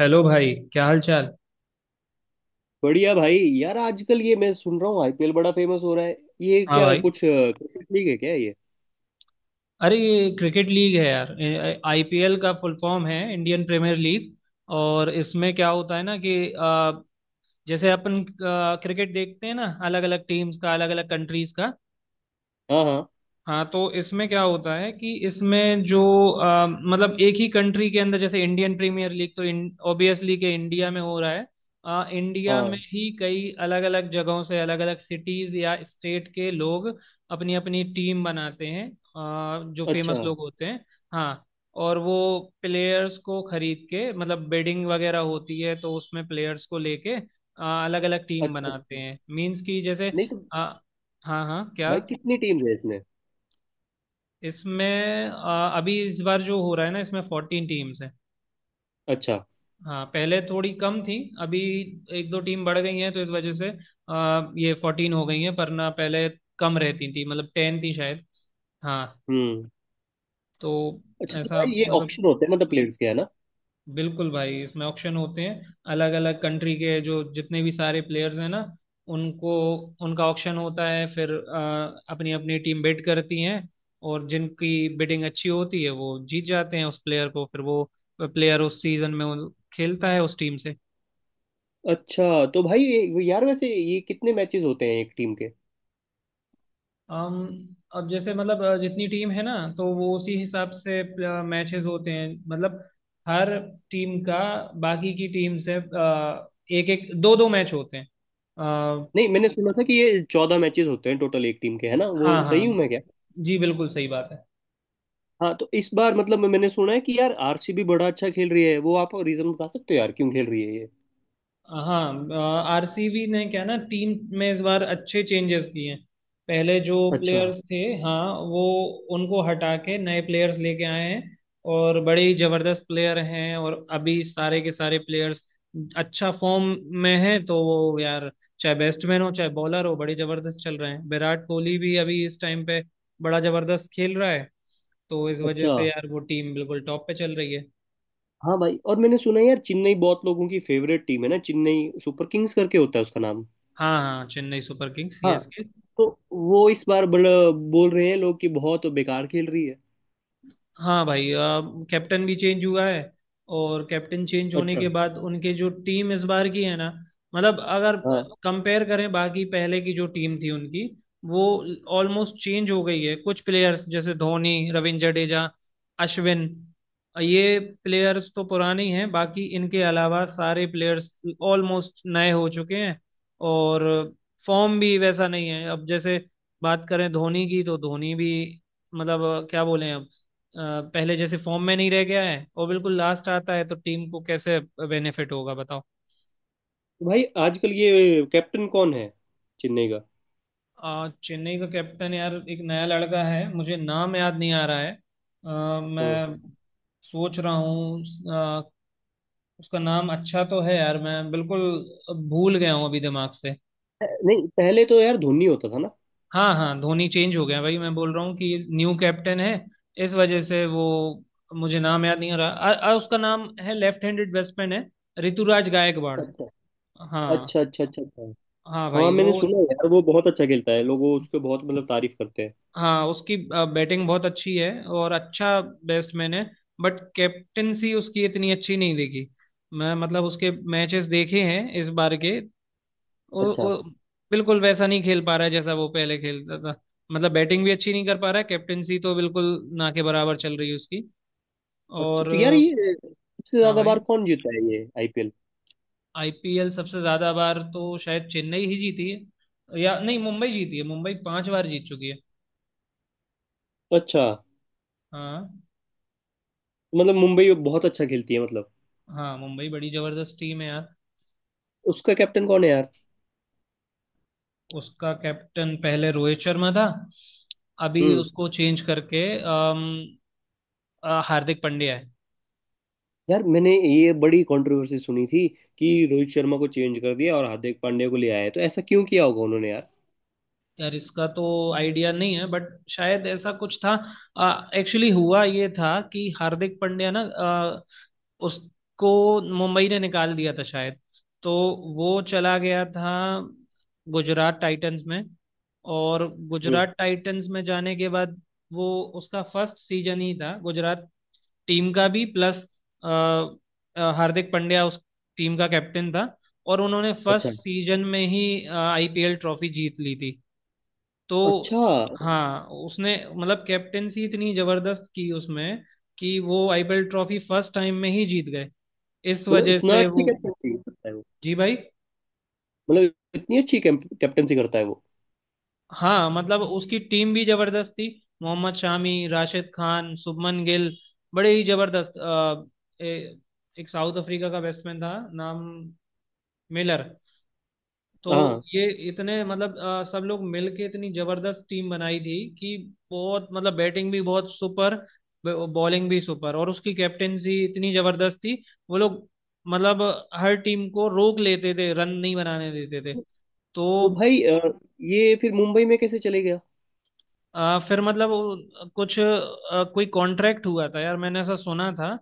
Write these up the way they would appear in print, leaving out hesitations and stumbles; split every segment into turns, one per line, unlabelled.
Hello भाई, क्या हाल चाल।
बढ़िया भाई। यार आजकल ये मैं सुन रहा हूँ आईपीएल बड़ा फेमस हो रहा है, ये
हाँ
क्या
भाई।
कुछ क्रिकेट लीग है क्या ये?
अरे, ये क्रिकेट लीग है यार। आईपीएल का फुल फॉर्म है इंडियन प्रीमियर लीग। और इसमें क्या होता है ना कि जैसे अपन क्रिकेट देखते हैं ना, अलग अलग टीम्स का, अलग अलग कंट्रीज का।
हाँ हाँ।
हाँ, तो इसमें क्या होता है कि इसमें जो मतलब एक ही कंट्री के अंदर, जैसे इंडियन प्रीमियर लीग तो ऑब्वियसली के इंडिया में हो रहा है। इंडिया में
हाँ।
ही कई अलग अलग जगहों से, अलग अलग सिटीज या स्टेट के लोग अपनी अपनी टीम बनाते हैं, जो
अच्छा
फेमस लोग होते हैं। हाँ। और वो प्लेयर्स को खरीद के, मतलब बेडिंग वगैरह होती है, तो उसमें प्लेयर्स को लेके अलग अलग टीम
अच्छा
बनाते
अच्छा।
हैं, मीन्स कि जैसे
नहीं तो
अ, हाँ हाँ, क्या।
भाई कितनी टीम्स है इसमें?
इसमें अभी इस बार जो हो रहा है ना, इसमें 14 टीम्स हैं।
अच्छा।
हाँ, पहले थोड़ी कम थी। अभी एक दो टीम बढ़ गई हैं, तो इस वजह से ये 14 हो गई हैं। पर ना, पहले कम रहती थी, मतलब 10 थी शायद। हाँ।
हम्म।
तो
अच्छा, तो
ऐसा,
भाई ये
मतलब
ऑक्शन होते हैं मतलब प्लेयर्स के, है ना?
बिल्कुल भाई, इसमें ऑक्शन होते हैं। अलग अलग कंट्री के जो जितने भी सारे प्लेयर्स हैं ना, उनको, उनका ऑक्शन होता है, फिर अपनी अपनी टीम बिड करती हैं। और जिनकी बिडिंग अच्छी होती है वो जीत जाते हैं उस प्लेयर को। फिर वो प्लेयर उस सीजन में खेलता है उस टीम से।
अच्छा, तो भाई ये- यार वैसे ये कितने मैचेस होते हैं एक टीम के?
अम अब जैसे, मतलब जितनी टीम है ना, तो वो उसी हिसाब से मैचेस होते हैं। मतलब हर टीम का बाकी की टीम से एक एक दो दो मैच होते हैं।
नहीं, मैंने सुना था कि ये 14 मैचेस होते हैं टोटल एक टीम के, है ना?
हाँ
वो
हाँ,
सही हूँ मैं क्या?
जी बिल्कुल सही बात है।
हाँ तो इस बार मतलब मैंने सुना है कि यार आरसीबी बड़ा अच्छा खेल रही है, वो आप रीजन बता सकते हो यार, क्यों खेल रही है ये?
हाँ, आरसीबी ने क्या ना, टीम में इस बार अच्छे चेंजेस किए हैं। पहले जो
अच्छा।
प्लेयर्स थे, हाँ, वो उनको हटा के नए प्लेयर्स लेके आए हैं। और बड़े ही जबरदस्त प्लेयर हैं, और अभी सारे के सारे प्लेयर्स अच्छा फॉर्म में हैं। तो वो यार, चाहे बैट्समैन हो चाहे बॉलर हो, बड़े जबरदस्त चल रहे हैं। विराट कोहली भी अभी इस टाइम पे बड़ा जबरदस्त खेल रहा है। तो इस वजह
अच्छा।
से यार, वो टीम बिल्कुल टॉप पे चल रही है।
हाँ भाई और मैंने सुना है यार चेन्नई बहुत लोगों की फेवरेट टीम है ना, चेन्नई सुपर किंग्स करके होता है उसका नाम।
हाँ हाँ, चेन्नई सुपर किंग्स,
हाँ।
सीएसके।
तो वो इस बार बड़ा बोल रहे हैं लोग कि बहुत बेकार खेल रही है।
हाँ भाई, अब कैप्टन भी चेंज हुआ है। और कैप्टन चेंज होने
अच्छा।
के बाद उनके जो टीम इस बार की है ना, मतलब अगर
हाँ तो
कंपेयर करें बाकी पहले की जो टीम थी उनकी, वो ऑलमोस्ट चेंज हो गई है। कुछ प्लेयर्स, जैसे धोनी, रविंद्र जडेजा, अश्विन, ये प्लेयर्स तो पुराने ही हैं। बाकी इनके अलावा सारे प्लेयर्स ऑलमोस्ट नए हो चुके हैं। और फॉर्म भी वैसा नहीं है। अब जैसे बात करें धोनी की, तो धोनी भी, मतलब क्या बोले अब, पहले जैसे फॉर्म में नहीं रह गया है, और बिल्कुल लास्ट आता है। तो टीम को कैसे बेनिफिट होगा, बताओ।
भाई आजकल ये कैप्टन कौन है चेन्नई का?
चेन्नई का कैप्टन यार, एक नया लड़का है, मुझे नाम याद नहीं आ रहा है।
हाँ।
मैं सोच रहा हूँ। अ, उसका नाम अच्छा तो है यार, मैं बिल्कुल भूल गया हूँ अभी दिमाग से।
नहीं पहले तो यार धोनी होता था ना?
हाँ हाँ, धोनी चेंज हो गया भाई, मैं बोल रहा हूँ कि न्यू कैप्टन है। इस वजह से वो, मुझे नाम याद नहीं आ रहा। उसका नाम है, लेफ्ट हैंडेड बैट्समैन है, ऋतुराज गायकवाड़।
अच्छा
हाँ।
अच्छा अच्छा अच्छा। अच्छा।
हाँ
हाँ
भाई, वो।
मैंने सुना है यार वो बहुत अच्छा खेलता है, लोग उसके बहुत मतलब तारीफ करते हैं।
हाँ, उसकी बैटिंग बहुत अच्छी है और अच्छा बैट्समैन है। बट कैप्टेंसी उसकी इतनी अच्छी नहीं दिखी। मैं, मतलब उसके मैचेस देखे हैं इस बार के, वो,
अच्छा।
वो बिल्कुल वैसा नहीं खेल पा रहा है जैसा वो पहले खेलता था। मतलब बैटिंग भी अच्छी नहीं कर पा रहा है। कैप्टेंसी तो बिल्कुल ना के बराबर चल रही है उसकी।
अच्छा
और।
तो यार ये सबसे
हाँ
ज्यादा
भाई,
बार कौन जीता है ये आईपीएल?
आईपीएल सबसे ज्यादा बार तो शायद चेन्नई ही जीती है, या नहीं मुंबई जीती है। मुंबई 5 बार जीत चुकी है।
अच्छा।
हाँ।
मतलब मुंबई बहुत अच्छा खेलती है मतलब।
हाँ, मुंबई बड़ी जबरदस्त टीम है यार।
उसका कैप्टन कौन है यार?
उसका कैप्टन पहले रोहित शर्मा था। अभी
हम्म।
उसको चेंज करके हार्दिक पांड्या है।
यार मैंने ये बड़ी कंट्रोवर्सी सुनी थी कि रोहित शर्मा को चेंज कर दिया और हार्दिक पांड्या को ले आया, तो ऐसा क्यों किया होगा उन्होंने यार?
यार, इसका तो आइडिया नहीं है, बट शायद ऐसा कुछ था। एक्चुअली हुआ ये था कि हार्दिक पांड्या ना उसको मुंबई ने निकाल दिया था शायद। तो वो चला गया था गुजरात टाइटंस में। और
हम्म।
गुजरात टाइटंस में जाने के बाद वो, उसका फर्स्ट सीजन ही था गुजरात टीम का भी, प्लस हार्दिक पांड्या उस टीम का कैप्टन था। और उन्होंने फर्स्ट
अच्छा
सीजन में ही आईपीएल ट्रॉफी जीत ली थी। तो।
अच्छा।
हाँ। उसने, मतलब कैप्टेंसी इतनी जबरदस्त की उसमें, कि वो आईपीएल ट्रॉफी फर्स्ट टाइम में ही जीत गए। इस
मतलब
वजह
इतना
से
अच्छी
वो।
कैप्टनसी करता है वो?
जी भाई।
मतलब इतनी अच्छी कैप्टनसी करता है वो?
हाँ, मतलब उसकी टीम भी जबरदस्त थी। मोहम्मद शामी, राशिद खान, शुभमन गिल, बड़े ही जबरदस्त। ए- एक साउथ अफ्रीका का बैट्समैन था, नाम मिलर। तो।
हाँ
ये इतने, मतलब सब लोग मिलके इतनी जबरदस्त टीम बनाई थी कि बहुत, मतलब बैटिंग भी बहुत सुपर, बॉलिंग भी सुपर, और उसकी कैप्टेंसी इतनी जबरदस्त थी। वो लोग, मतलब हर टीम को रोक लेते थे, रन नहीं बनाने देते थे। तो।
तो भाई ये फिर मुंबई में कैसे चले गया?
फिर मतलब वो कुछ, कोई कॉन्ट्रैक्ट हुआ था यार, मैंने ऐसा सुना था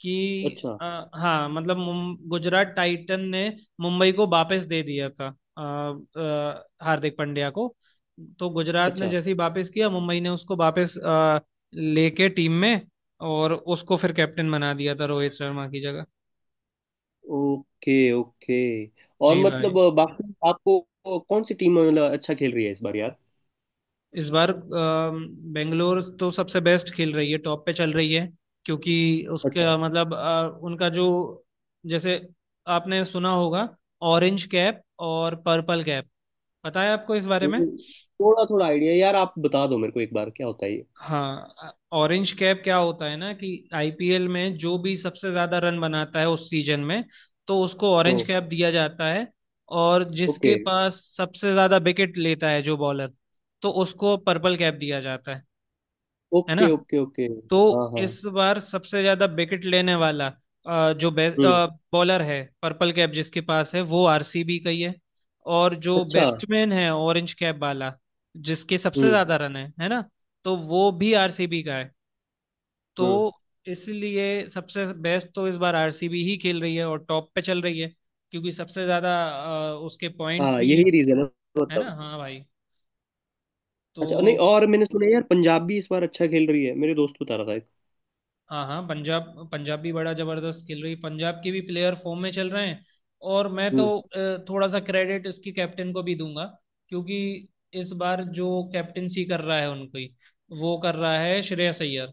कि
अच्छा।
हाँ, मतलब गुजरात टाइटन ने मुंबई को वापस दे दिया था, आ, आ, हार्दिक पांड्या को। तो गुजरात ने
अच्छा।
जैसे ही वापस किया, मुंबई ने उसको वापस लेके टीम में, और उसको फिर कैप्टन बना दिया था रोहित शर्मा की जगह।
Okay okay. और
जी भाई।
मतलब बाकी आपको कौन सी टीम मतलब अच्छा खेल रही है इस बार यार?
इस बार बेंगलोर तो सबसे बेस्ट खेल रही है, टॉप पे चल रही है। क्योंकि
अच्छा।
उसका, मतलब उनका जो, जैसे आपने सुना होगा, ऑरेंज कैप और पर्पल कैप, पता है आपको इस बारे में।
थोड़ा थोड़ा आइडिया यार, आप बता दो मेरे को एक बार क्या होता है ये।
हाँ, ऑरेंज कैप क्या होता है ना, कि आईपीएल में जो भी सबसे ज्यादा रन बनाता है उस सीजन में, तो उसको
ओ।
ऑरेंज कैप दिया जाता है। और
ओके।
जिसके पास सबसे ज्यादा विकेट लेता है जो बॉलर, तो उसको पर्पल कैप दिया जाता है ना।
Okay okay okay.
तो
हाँ हाँ।
इस बार सबसे ज्यादा विकेट लेने वाला जो
हम्म।
बॉलर है, पर्पल कैप जिसके पास है, वो आरसीबी का ही है। और जो
अच्छा।
बैट्समैन है ऑरेंज कैप वाला, जिसके सबसे
हम्म।
ज्यादा रन है ना, तो वो भी आरसीबी का है।
हम्म।
तो। इसलिए सबसे बेस्ट तो इस बार आरसीबी ही खेल रही है और टॉप पे चल रही है। क्योंकि सबसे ज्यादा उसके पॉइंट्स
हाँ
भी हैं,
यही रीजन है
है ना।
मतलब।
हाँ भाई। तो।
अच्छा नहीं, और मैंने सुना है यार पंजाब भी इस बार अच्छा खेल रही है, मेरे दोस्त बता रहा था एक।
हाँ हाँ, पंजाब पंजाब भी बड़ा जबरदस्त खेल रही है, पंजाब के भी प्लेयर फॉर्म में चल रहे हैं। और मैं तो
हम्म।
थोड़ा सा क्रेडिट इसकी कैप्टन को भी दूंगा। क्योंकि इस बार जो कैप्टेंसी कर रहा है उनकी, वो कर रहा है श्रेयस अय्यर।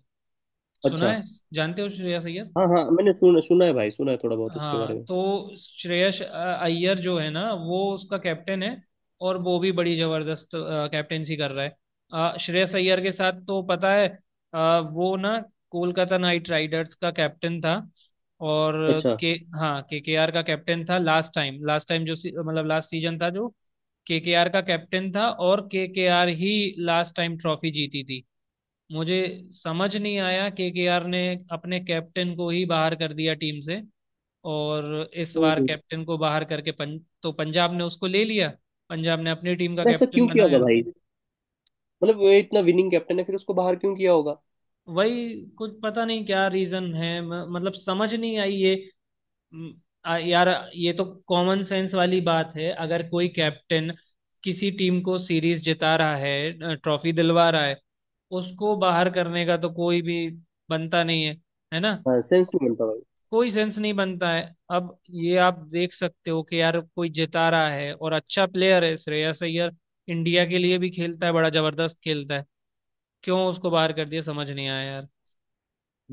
सुना
अच्छा।
है, जानते हो श्रेयस अय्यर।
हाँ हाँ मैंने सुना सुना है भाई, सुना है थोड़ा बहुत उसके बारे
हाँ,
में।
तो श्रेयस अय्यर जो है ना, वो उसका कैप्टन है। और वो भी बड़ी जबरदस्त कैप्टेंसी कर रहा है। श्रेयस अय्यर के साथ तो पता है, वो ना कोलकाता नाइट राइडर्स का कैप्टन था। और
अच्छा।
के, हाँ, केकेआर का कैप्टन था लास्ट टाइम। लास्ट टाइम जो मतलब लास्ट सीजन था, जो केकेआर का कैप्टन था, और केकेआर ही लास्ट टाइम ट्रॉफी जीती थी। मुझे समझ नहीं आया, केकेआर ने अपने कैप्टन को ही बाहर कर दिया टीम से। और इस बार
हम्म।
कैप्टन को बाहर करके तो पंजाब ने उसको ले लिया, पंजाब ने अपनी टीम का
पर ऐसा
कैप्टन
क्यों किया होगा
बनाया।
भाई? मतलब वो इतना विनिंग कैप्टन है, फिर उसको बाहर क्यों किया होगा?
वही, कुछ पता नहीं क्या रीजन है, मतलब समझ नहीं आई ये। म, यार, ये तो कॉमन सेंस वाली बात है। अगर कोई कैप्टन किसी टीम को सीरीज जिता रहा है, ट्रॉफी दिलवा रहा है, उसको बाहर करने का तो कोई भी बनता नहीं है, है ना।
हाँ सेंस नहीं बनता।
कोई सेंस नहीं बनता है। अब ये आप देख सकते हो कि यार, कोई जिता रहा है और अच्छा प्लेयर है श्रेयस अय्यर, इंडिया के लिए भी खेलता है, बड़ा जबरदस्त खेलता है। क्यों उसको बाहर कर दिया, समझ नहीं आया यार।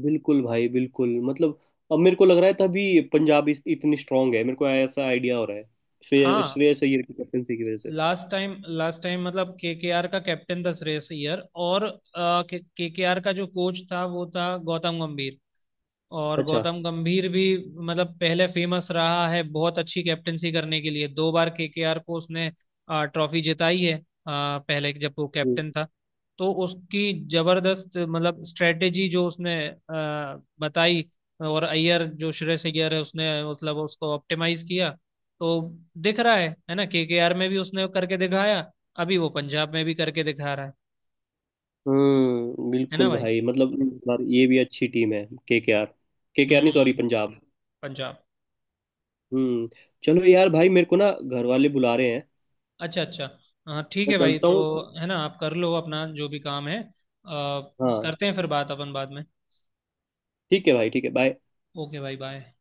बिल्कुल भाई बिल्कुल मतलब। अब मेरे को लग रहा है तभी पंजाब इतनी स्ट्रांग है, मेरे को ऐसा आइडिया हो रहा है, श्रेय
हाँ,
श्रेयस अय्यर की कैप्टनसी की वजह से।
लास्ट टाइम, लास्ट टाइम मतलब केकेआर का कैप्टन था श्रेयस अय्यर, और केकेआर का जो कोच था वो था गौतम गंभीर। और
अच्छा।
गौतम गंभीर भी, मतलब पहले फेमस रहा है बहुत अच्छी कैप्टनसी करने के लिए, 2 बार केकेआर को उसने ट्रॉफी जिताई है। पहले जब वो
हम्म।
कैप्टन था, तो उसकी जबरदस्त, मतलब स्ट्रेटेजी जो उसने बताई, और अय्यर, जो श्रेयस अय्यर है, उसने मतलब उसको ऑप्टिमाइज किया। तो दिख रहा है ना, केकेआर में भी उसने करके दिखाया, अभी वो पंजाब में भी करके दिखा रहा है। है ना
बिल्कुल
भाई।
भाई मतलब इस बार ये भी अच्छी टीम है के आर। के आर नहीं सॉरी
हम्म।
पंजाब।
पंजाब।
हम्म। चलो यार भाई मेरे को ना घर वाले बुला रहे हैं।
अच्छा अच्छा। हाँ ठीक
मैं
है भाई,
चलता
तो।
हूँ।
है ना, आप कर लो अपना जो भी काम है,
हाँ
करते हैं फिर बात अपन बाद में।
ठीक है भाई, ठीक है, बाय।
ओके भाई, बाय।